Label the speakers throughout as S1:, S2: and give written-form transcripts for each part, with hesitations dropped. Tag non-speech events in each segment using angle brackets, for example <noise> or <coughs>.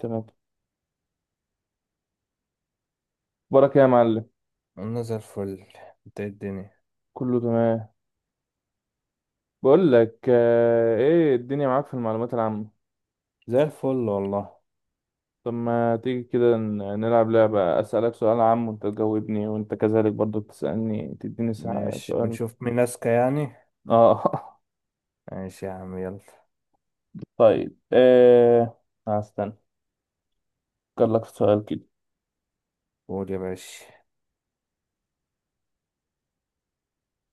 S1: تمام. بركة يا معلم.
S2: انا زي الفل. انت، إيه الدنيا؟
S1: كله تمام. بقول لك آه، ايه الدنيا معاك في المعلومات العامة؟
S2: زي الفل والله.
S1: طب ما تيجي كده نلعب لعبة أسألك سؤال عام وانت تجاوبني وانت كذلك برضو تسألني تديني
S2: ماشي
S1: سؤال.
S2: ونشوف مين اذكى يعني.
S1: اه.
S2: ماشي يا عم يلا.
S1: <laughs> طيب آه، هستنى افكر لك في سؤال كده.
S2: قول يا باشا.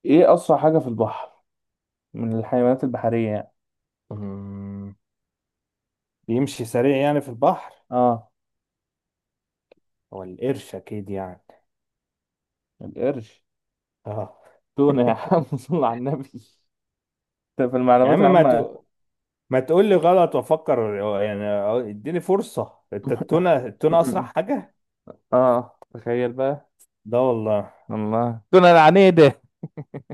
S1: ايه أسرع حاجة في البحر من الحيوانات البحرية يعني؟
S2: أمم، بيمشي سريع يعني في البحر.
S1: اه.
S2: هو القرش اكيد يعني.
S1: القرش؟
S2: اه.
S1: تونة يا
S2: <laughs>
S1: عم. <laughs> صل على النبي، انت في
S2: يا
S1: المعلومات
S2: عم
S1: العامة.
S2: ما تقول لي غلط وافكر يعني. اديني فرصة، انت التونة التونة اسرع
S1: <laughs>
S2: حاجة؟
S1: اه تخيل بقى.
S2: ده والله.
S1: الله دون العنيدة.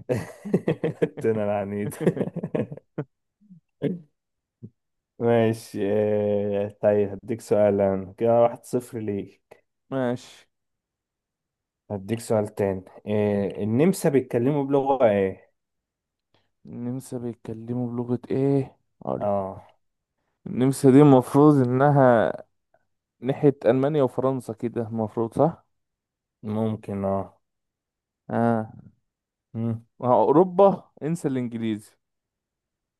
S2: <laughs> التونة العنيد.
S1: <laughs>
S2: <laughs> ماشي، طيب هديك سؤال أنا. كده 1-0 ليك.
S1: ماشي.
S2: هديك سؤال تاني، إيه النمسا بيتكلموا بلغة ايه؟
S1: النمسا بيتكلموا بلغة ايه اقول؟
S2: اه.
S1: النمسا دي المفروض انها ناحية المانيا وفرنسا كده، المفروض صح.
S2: ممكن اه.
S1: اه،
S2: مم.
S1: ما هو اوروبا انسى الانجليزي.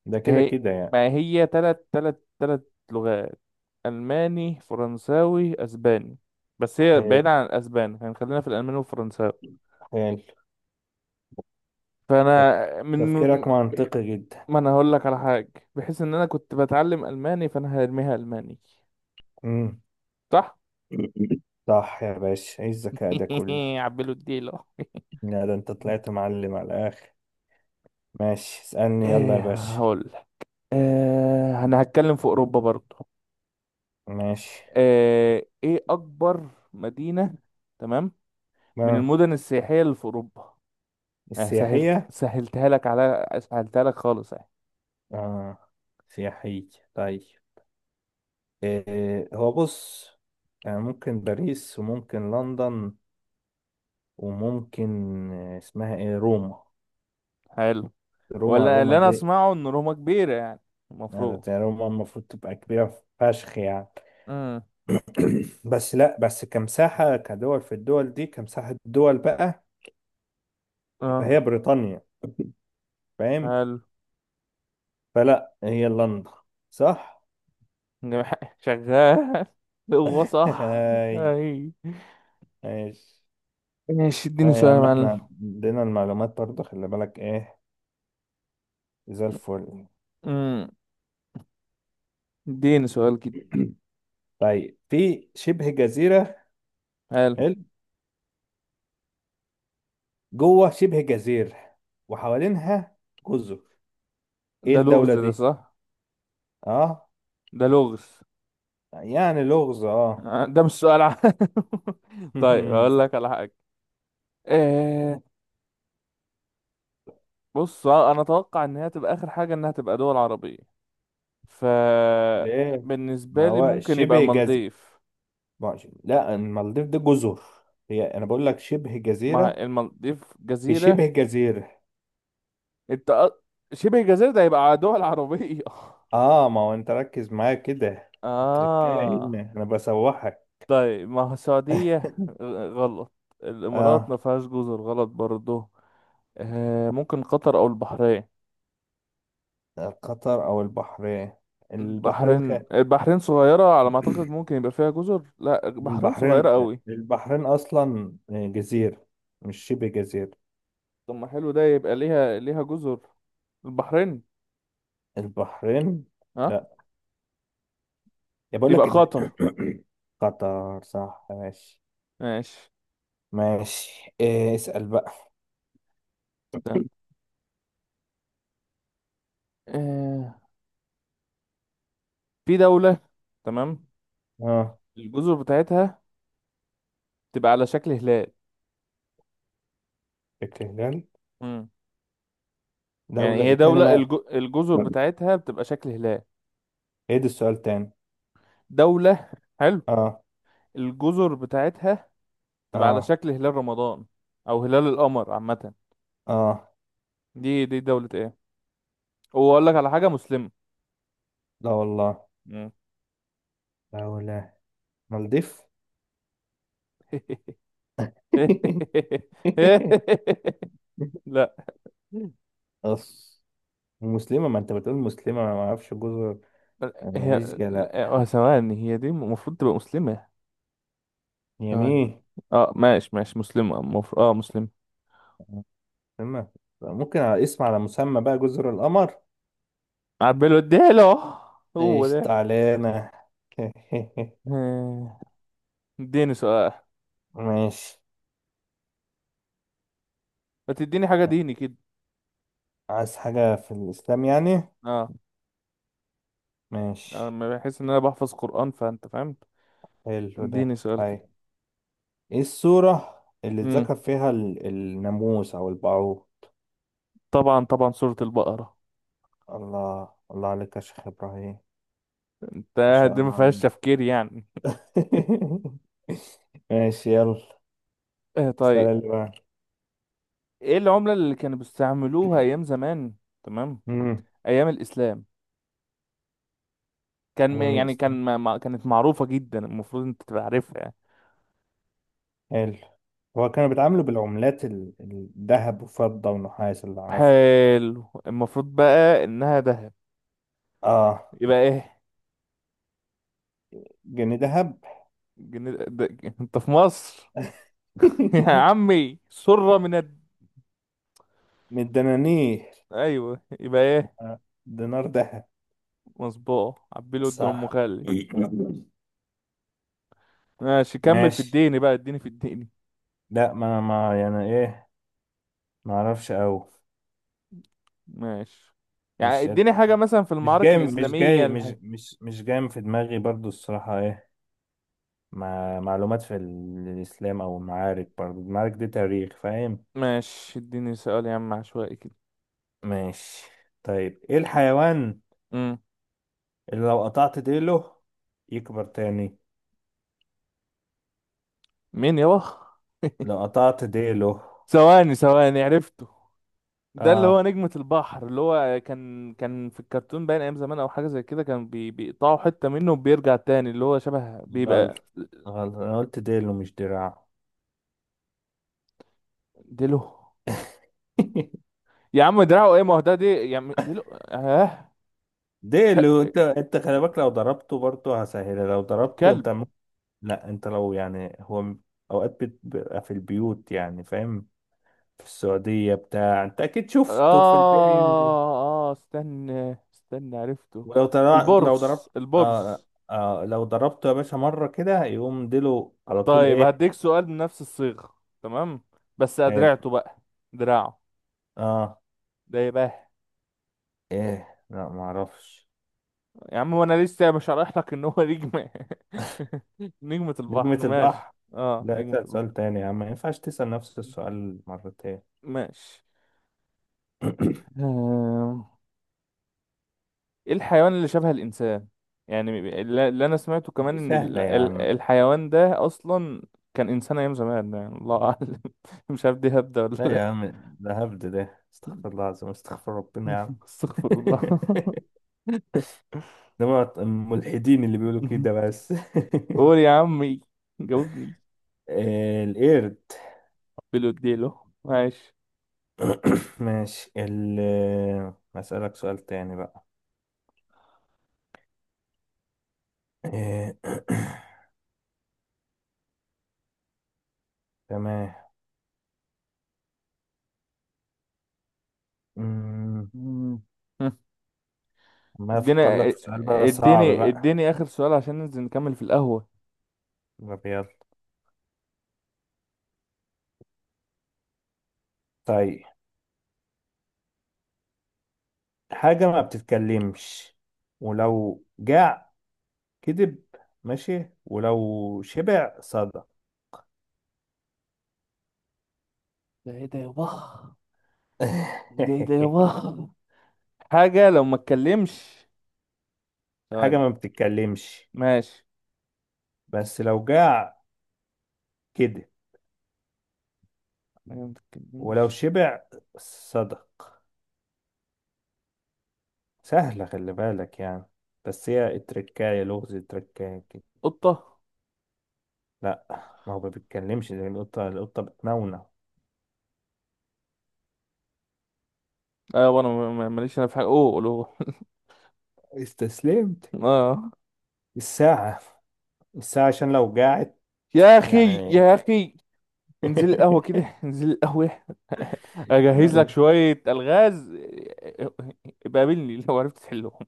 S2: ده كده
S1: هي
S2: كده يعني.
S1: ما هي تلات لغات، الماني فرنساوي اسباني. بس هي
S2: حلو
S1: بعيدة عن الاسباني يعني خلينا في الالماني والفرنساوي.
S2: حلو. تف-
S1: فانا من،
S2: تفكيرك منطقي جدا.
S1: ما انا هقول لك على حاجه، بحيث ان انا كنت بتعلم الماني فانا هرميها الماني.
S2: مم.
S1: صح.
S2: صح يا باشا، ايه الذكاء ده كله.
S1: <laughs> عبلو الديلة.
S2: لا ده انت طلعت معلم على الاخر. ماشي اسألني يلا يا
S1: ايه
S2: باشا.
S1: هقول لك. إيه، انا هتكلم في اوروبا برضو.
S2: ماشي.
S1: إيه، ايه اكبر مدينه، تمام، من
S2: ما
S1: المدن السياحيه اللي في اوروبا؟ آه سهلت،
S2: السياحية.
S1: سهلتها لك، على سهلتها لك خالص يعني.
S2: اه سياحية. طيب، إيه هو بص يعني ممكن باريس وممكن لندن وممكن اسمها ايه، روما.
S1: حلو.
S2: روما
S1: ولا
S2: روما
S1: اللي انا
S2: دي.
S1: اسمعه ان روما كبيره يعني،
S2: أنا
S1: المفروض.
S2: بتاع روما المفروض تبقى كبيرة فشخ يعني.
S1: امم.
S2: <clears throat> بس لا، بس كمساحة كدول، في الدول دي كمساحة دول بقى، يبقى هي
S1: اه.
S2: بريطانيا، فاهم؟
S1: حلو.
S2: فلا هي لندن، صح.
S1: شغال. <laughs> هو
S2: <laughs>
S1: صح.
S2: هاي.
S1: اي.
S2: ماشي.
S1: ماشي، اديني
S2: هاي يا
S1: سؤال يا
S2: عم،
S1: معلم.
S2: احنا عندنا المعلومات برضه، خلي بالك ايه. زي الفل.
S1: امم. اديني سؤال كده.
S2: <clears throat> طيب، في شبه جزيرة.
S1: حلو.
S2: حلو. جوه شبه جزيرة وحوالينها جزر، ايه
S1: ده لغز
S2: الدولة
S1: ده،
S2: دي؟
S1: صح؟
S2: اه.
S1: ده لغز.
S2: يعني لغز اه.
S1: آه، ده مش سؤال عام. <laughs> طيب اقول لك
S2: <laughs>
S1: على حاجه. آه. بص آه، انا اتوقع ان هي تبقى اخر حاجه انها تبقى دول عربيه. ف،
S2: ليه؟ ما
S1: بالنسبه لي
S2: هو
S1: ممكن يبقى
S2: شبه جزيرة.
S1: المالديف.
S2: ماشي. لا، المالديف دي جزر. هي انا بقول لك شبه
S1: ما
S2: جزيرة،
S1: المالديف
S2: في
S1: جزيره.
S2: شبه جزيرة.
S1: انت أ- شبه جزيره ده يبقى دول عربيه. <laughs>
S2: اه. ما هو انت ركز معايا كده. التركية
S1: اه
S2: هنا انا بسوحك.
S1: طيب، ما هو
S2: <laughs>
S1: السعودية، آه، غلط. الإمارات
S2: اه.
S1: ما فيهاش جزر، غلط برضه. آه ممكن قطر أو البحرين.
S2: قطر او البحرين. البحرين خ... <clears throat>
S1: البحرين صغيرة على ما أعتقد، ممكن يبقى فيها جزر. لا البحرين صغيرة
S2: البحرين
S1: قوي.
S2: البحرين اصلا جزيرة، مش شبه جزيرة.
S1: طب ما حلو ده، يبقى ليها جزر. البحرين.
S2: البحرين.
S1: ها.
S2: لا، يا بقول
S1: يبقى
S2: لك
S1: قطر.
S2: <coughs> <clears throat> قطر صح، ماشي.
S1: ماشي.
S2: ماشي، إيه اسأل بقى.
S1: استنى. آه. في دولة، تمام،
S2: اه.
S1: الجزر بتاعتها تبقى على شكل هلال.
S2: التهلال.
S1: مم. يعني هي
S2: دولة تاني
S1: دولة
S2: ما.
S1: الجزر بتاعتها بتبقى شكل هلال.
S2: ايه ده السؤال تاني؟
S1: دولة، حلو،
S2: اه
S1: الجزر بتاعتها تبقى على
S2: اه
S1: شكل هلال رمضان او هلال القمر عامه.
S2: اه.
S1: دي دولة ايه؟ واقول لك على حاجة، مسلمة.
S2: لا والله.
S1: مم.
S2: دولة، مالديف.
S1: <laughs>
S2: <laughs>
S1: لا
S2: أص. مسلمة؟ ما انت بتقول مسلمة ما اعرفش جزر.
S1: هي،
S2: ماليزيا؟
S1: لا،
S2: لا.
S1: آه، ثواني، هي دي المفروض تبقى مسلمة. ثواني.
S2: يمين.
S1: اه ماشي، ماشي مسلمة، مفروض اه مسلمة.
S2: مسلمة. ممكن على اسم على مسمى بقى، جزر القمر.
S1: عبله اديله. هو
S2: ايش
S1: ده.
S2: تعالينا. <laughs>
S1: <laughs> آه، اديني سؤال.
S2: ماشي.
S1: ما تديني حاجة ديني كده.
S2: عايز حاجة في الإسلام يعني؟
S1: اه،
S2: ماشي.
S1: انا بحس ان انا بحفظ قرآن، فانت فاهم.
S2: حلو ده.
S1: اديني سؤال
S2: أي. إيه السورة اللي
S1: كده.
S2: اتذكر فيها الناموس أو البعوض؟
S1: طبعا طبعا، سورة البقرة.
S2: الله الله عليك يا شيخ إبراهيم. ما
S1: ده
S2: شاء
S1: دي ما
S2: الله
S1: فيهاش
S2: عليك.
S1: تفكير يعني.
S2: <laughs> ماشي يلا.
S1: آه
S2: السؤال
S1: طيب.
S2: اللي بعده.
S1: ايه العملة اللي كانوا بيستعملوها ايام زمان، تمام،
S2: مم.
S1: ايام الاسلام؟ كان
S2: هي من
S1: يعني كان
S2: الإسلام.
S1: كانت معروفة جدا، المفروض انت تبقى عارفها يعني.
S2: حلو. هو كانوا بيتعاملوا بالعملات الذهب وفضة ونحاس اللي أعرفه.
S1: حلو، المفروض بقى انها ذهب.
S2: آه
S1: يبقى ايه؟
S2: جنيه ذهب.
S1: جن... ده... انت في مصر. <laughs> يا
S2: <laughs>
S1: عمي سرة من
S2: من الدنانير.
S1: ايوه يبقى ايه؟
S2: آه، دينار ذهب.
S1: مصبوغ عبيله قد ام
S2: صح.
S1: خالي.
S2: <laughs>
S1: ماشي، كمل في
S2: ماشي.
S1: الدين بقى، اديني في الدين.
S2: لا، ما يعني ايه، ما اعرفش قوي.
S1: ماشي، يعني
S2: مش قد-
S1: اديني حاجة مثلا في
S2: مش
S1: المعارك
S2: جاي مش
S1: الإسلامية
S2: جاي مش مش مش جاي في دماغي برضو، الصراحة ايه. مع معلومات في الاسلام او المعارك، برضو المعارك دي تاريخ، فاهم.
S1: ماشي اديني سؤال يا عم عشوائي كده.
S2: ماشي. طيب ايه الحيوان
S1: امم.
S2: اللي لو قطعت ديله يكبر تاني؟
S1: مين يابا؟
S2: لو قطعت ديله.
S1: ثواني عرفته. ده اللي هو
S2: اه.
S1: نجمة البحر، اللي هو كان في الكرتون باين أيام زمان، أو حاجة زي كده، كان بيقطعوا حتة منه وبيرجع تاني، اللي هو شبه
S2: غلط
S1: بيبقى.
S2: غلط، انا قلت ديله مش دراعه.
S1: ديلو؟
S2: <laughs>
S1: يا عم دراعه ايه، ما هو ده دي يا عم ديلو اه.
S2: ديله، انت خلي بالك، لو ضربته برضو هسهلها، لو ضربته انت.
S1: الكلب.
S2: لا، انت لو يعني هو اوقات بتبقى في البيوت يعني فاهم، في السعودية بتاع انت اكيد شفته في
S1: اه.
S2: البيت.
S1: اه استنى عرفته،
S2: لو ضربت
S1: البرص،
S2: آه... آه... لو ضربته يا باشا مرة كده يقوم ديله على طول،
S1: طيب
S2: ايه.
S1: هديك سؤال بنفس الصيغة، تمام، بس
S2: حلو.
S1: أدرعته بقى. دراعه
S2: اه.
S1: ده يبقى.
S2: ايه، لا ما اعرفش.
S1: يا عم وانا لسه مش هشرح لك ان هو نجمة. <laughs> نجمة
S2: نجمة
S1: البحر، ماشي.
S2: البحر.
S1: اه
S2: لا،
S1: نجمة
S2: اسأل سؤال
S1: البحر.
S2: تاني يا عم، ما ينفعش تسأل نفس السؤال مرتين.
S1: ماشي.
S2: <clears throat>
S1: آم، ايه الحيوان اللي شبه الانسان؟ يعني اللي انا سمعته
S2: <coughs>
S1: كمان
S2: دي
S1: ان
S2: سهلة يا عم.
S1: الحيوان ده اصلا كان انسان ايام زمان يعني، الله اعلم. <laughs> مش عارف دي هبدة ولا
S2: لا يا
S1: لا.
S2: عم، ده هبد ده، استغفر الله العظيم، استغفر ربنا يا عم.
S1: <laughs> استغفر الله.
S2: <laughs> انما الملحدين اللي بيقولوا
S1: <laughs>
S2: كده بس.
S1: قول يا عمي جاوبني.
S2: <laughs> القرد.
S1: بيلو اديله ماشي.
S2: <coughs> ماشي، هسألك سؤال تاني بقى. آه، <coughs> تمام. أمم،
S1: مم. <laughs>
S2: ما
S1: اديني
S2: افكر لك في سؤال بقى صعب
S1: اديني
S2: بقى.
S1: اديني اخر سؤال عشان ننزل نكمل في القهوة.
S2: طب يلا. طيب، حاجة ما بتتكلمش، ولو جاع كذب، ماشي، ولو شبع صدق.
S1: ده ايه ده يابا؟ ده ايه ده
S2: <laughs>
S1: يابا؟ حاجة لو ما اتكلمش. ثواني.
S2: حاجة ما بتتكلمش،
S1: ماشي.
S2: بس لو جاع كذب
S1: حاجة ما
S2: ولو
S1: تتكلمش.
S2: شبع صدق. سهلة، خلي بالك يعني. بس هي التركاية لغز، التركاية كده.
S1: قطة؟
S2: لا. ما هو ما بيتكلمش، زي القطة، القطة بتنونو.
S1: ايوه انا ماليش انا في حاجة، اوه قولوه.
S2: استسلمت.
S1: <laughs> اه.
S2: الساعة، الساعة عشان لو قاعد
S1: يا اخي
S2: يعني.
S1: يا اخي انزل القهوة
S2: <laughs>
S1: كده، انزل القهوة. <laughs> اجهز
S2: يلا.
S1: لك شوية الغاز. <laughs> بقابلني لو عرفت تحلهم.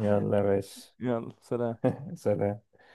S2: يلا يا باشا،
S1: <laughs> يلا سلام.
S2: سلام.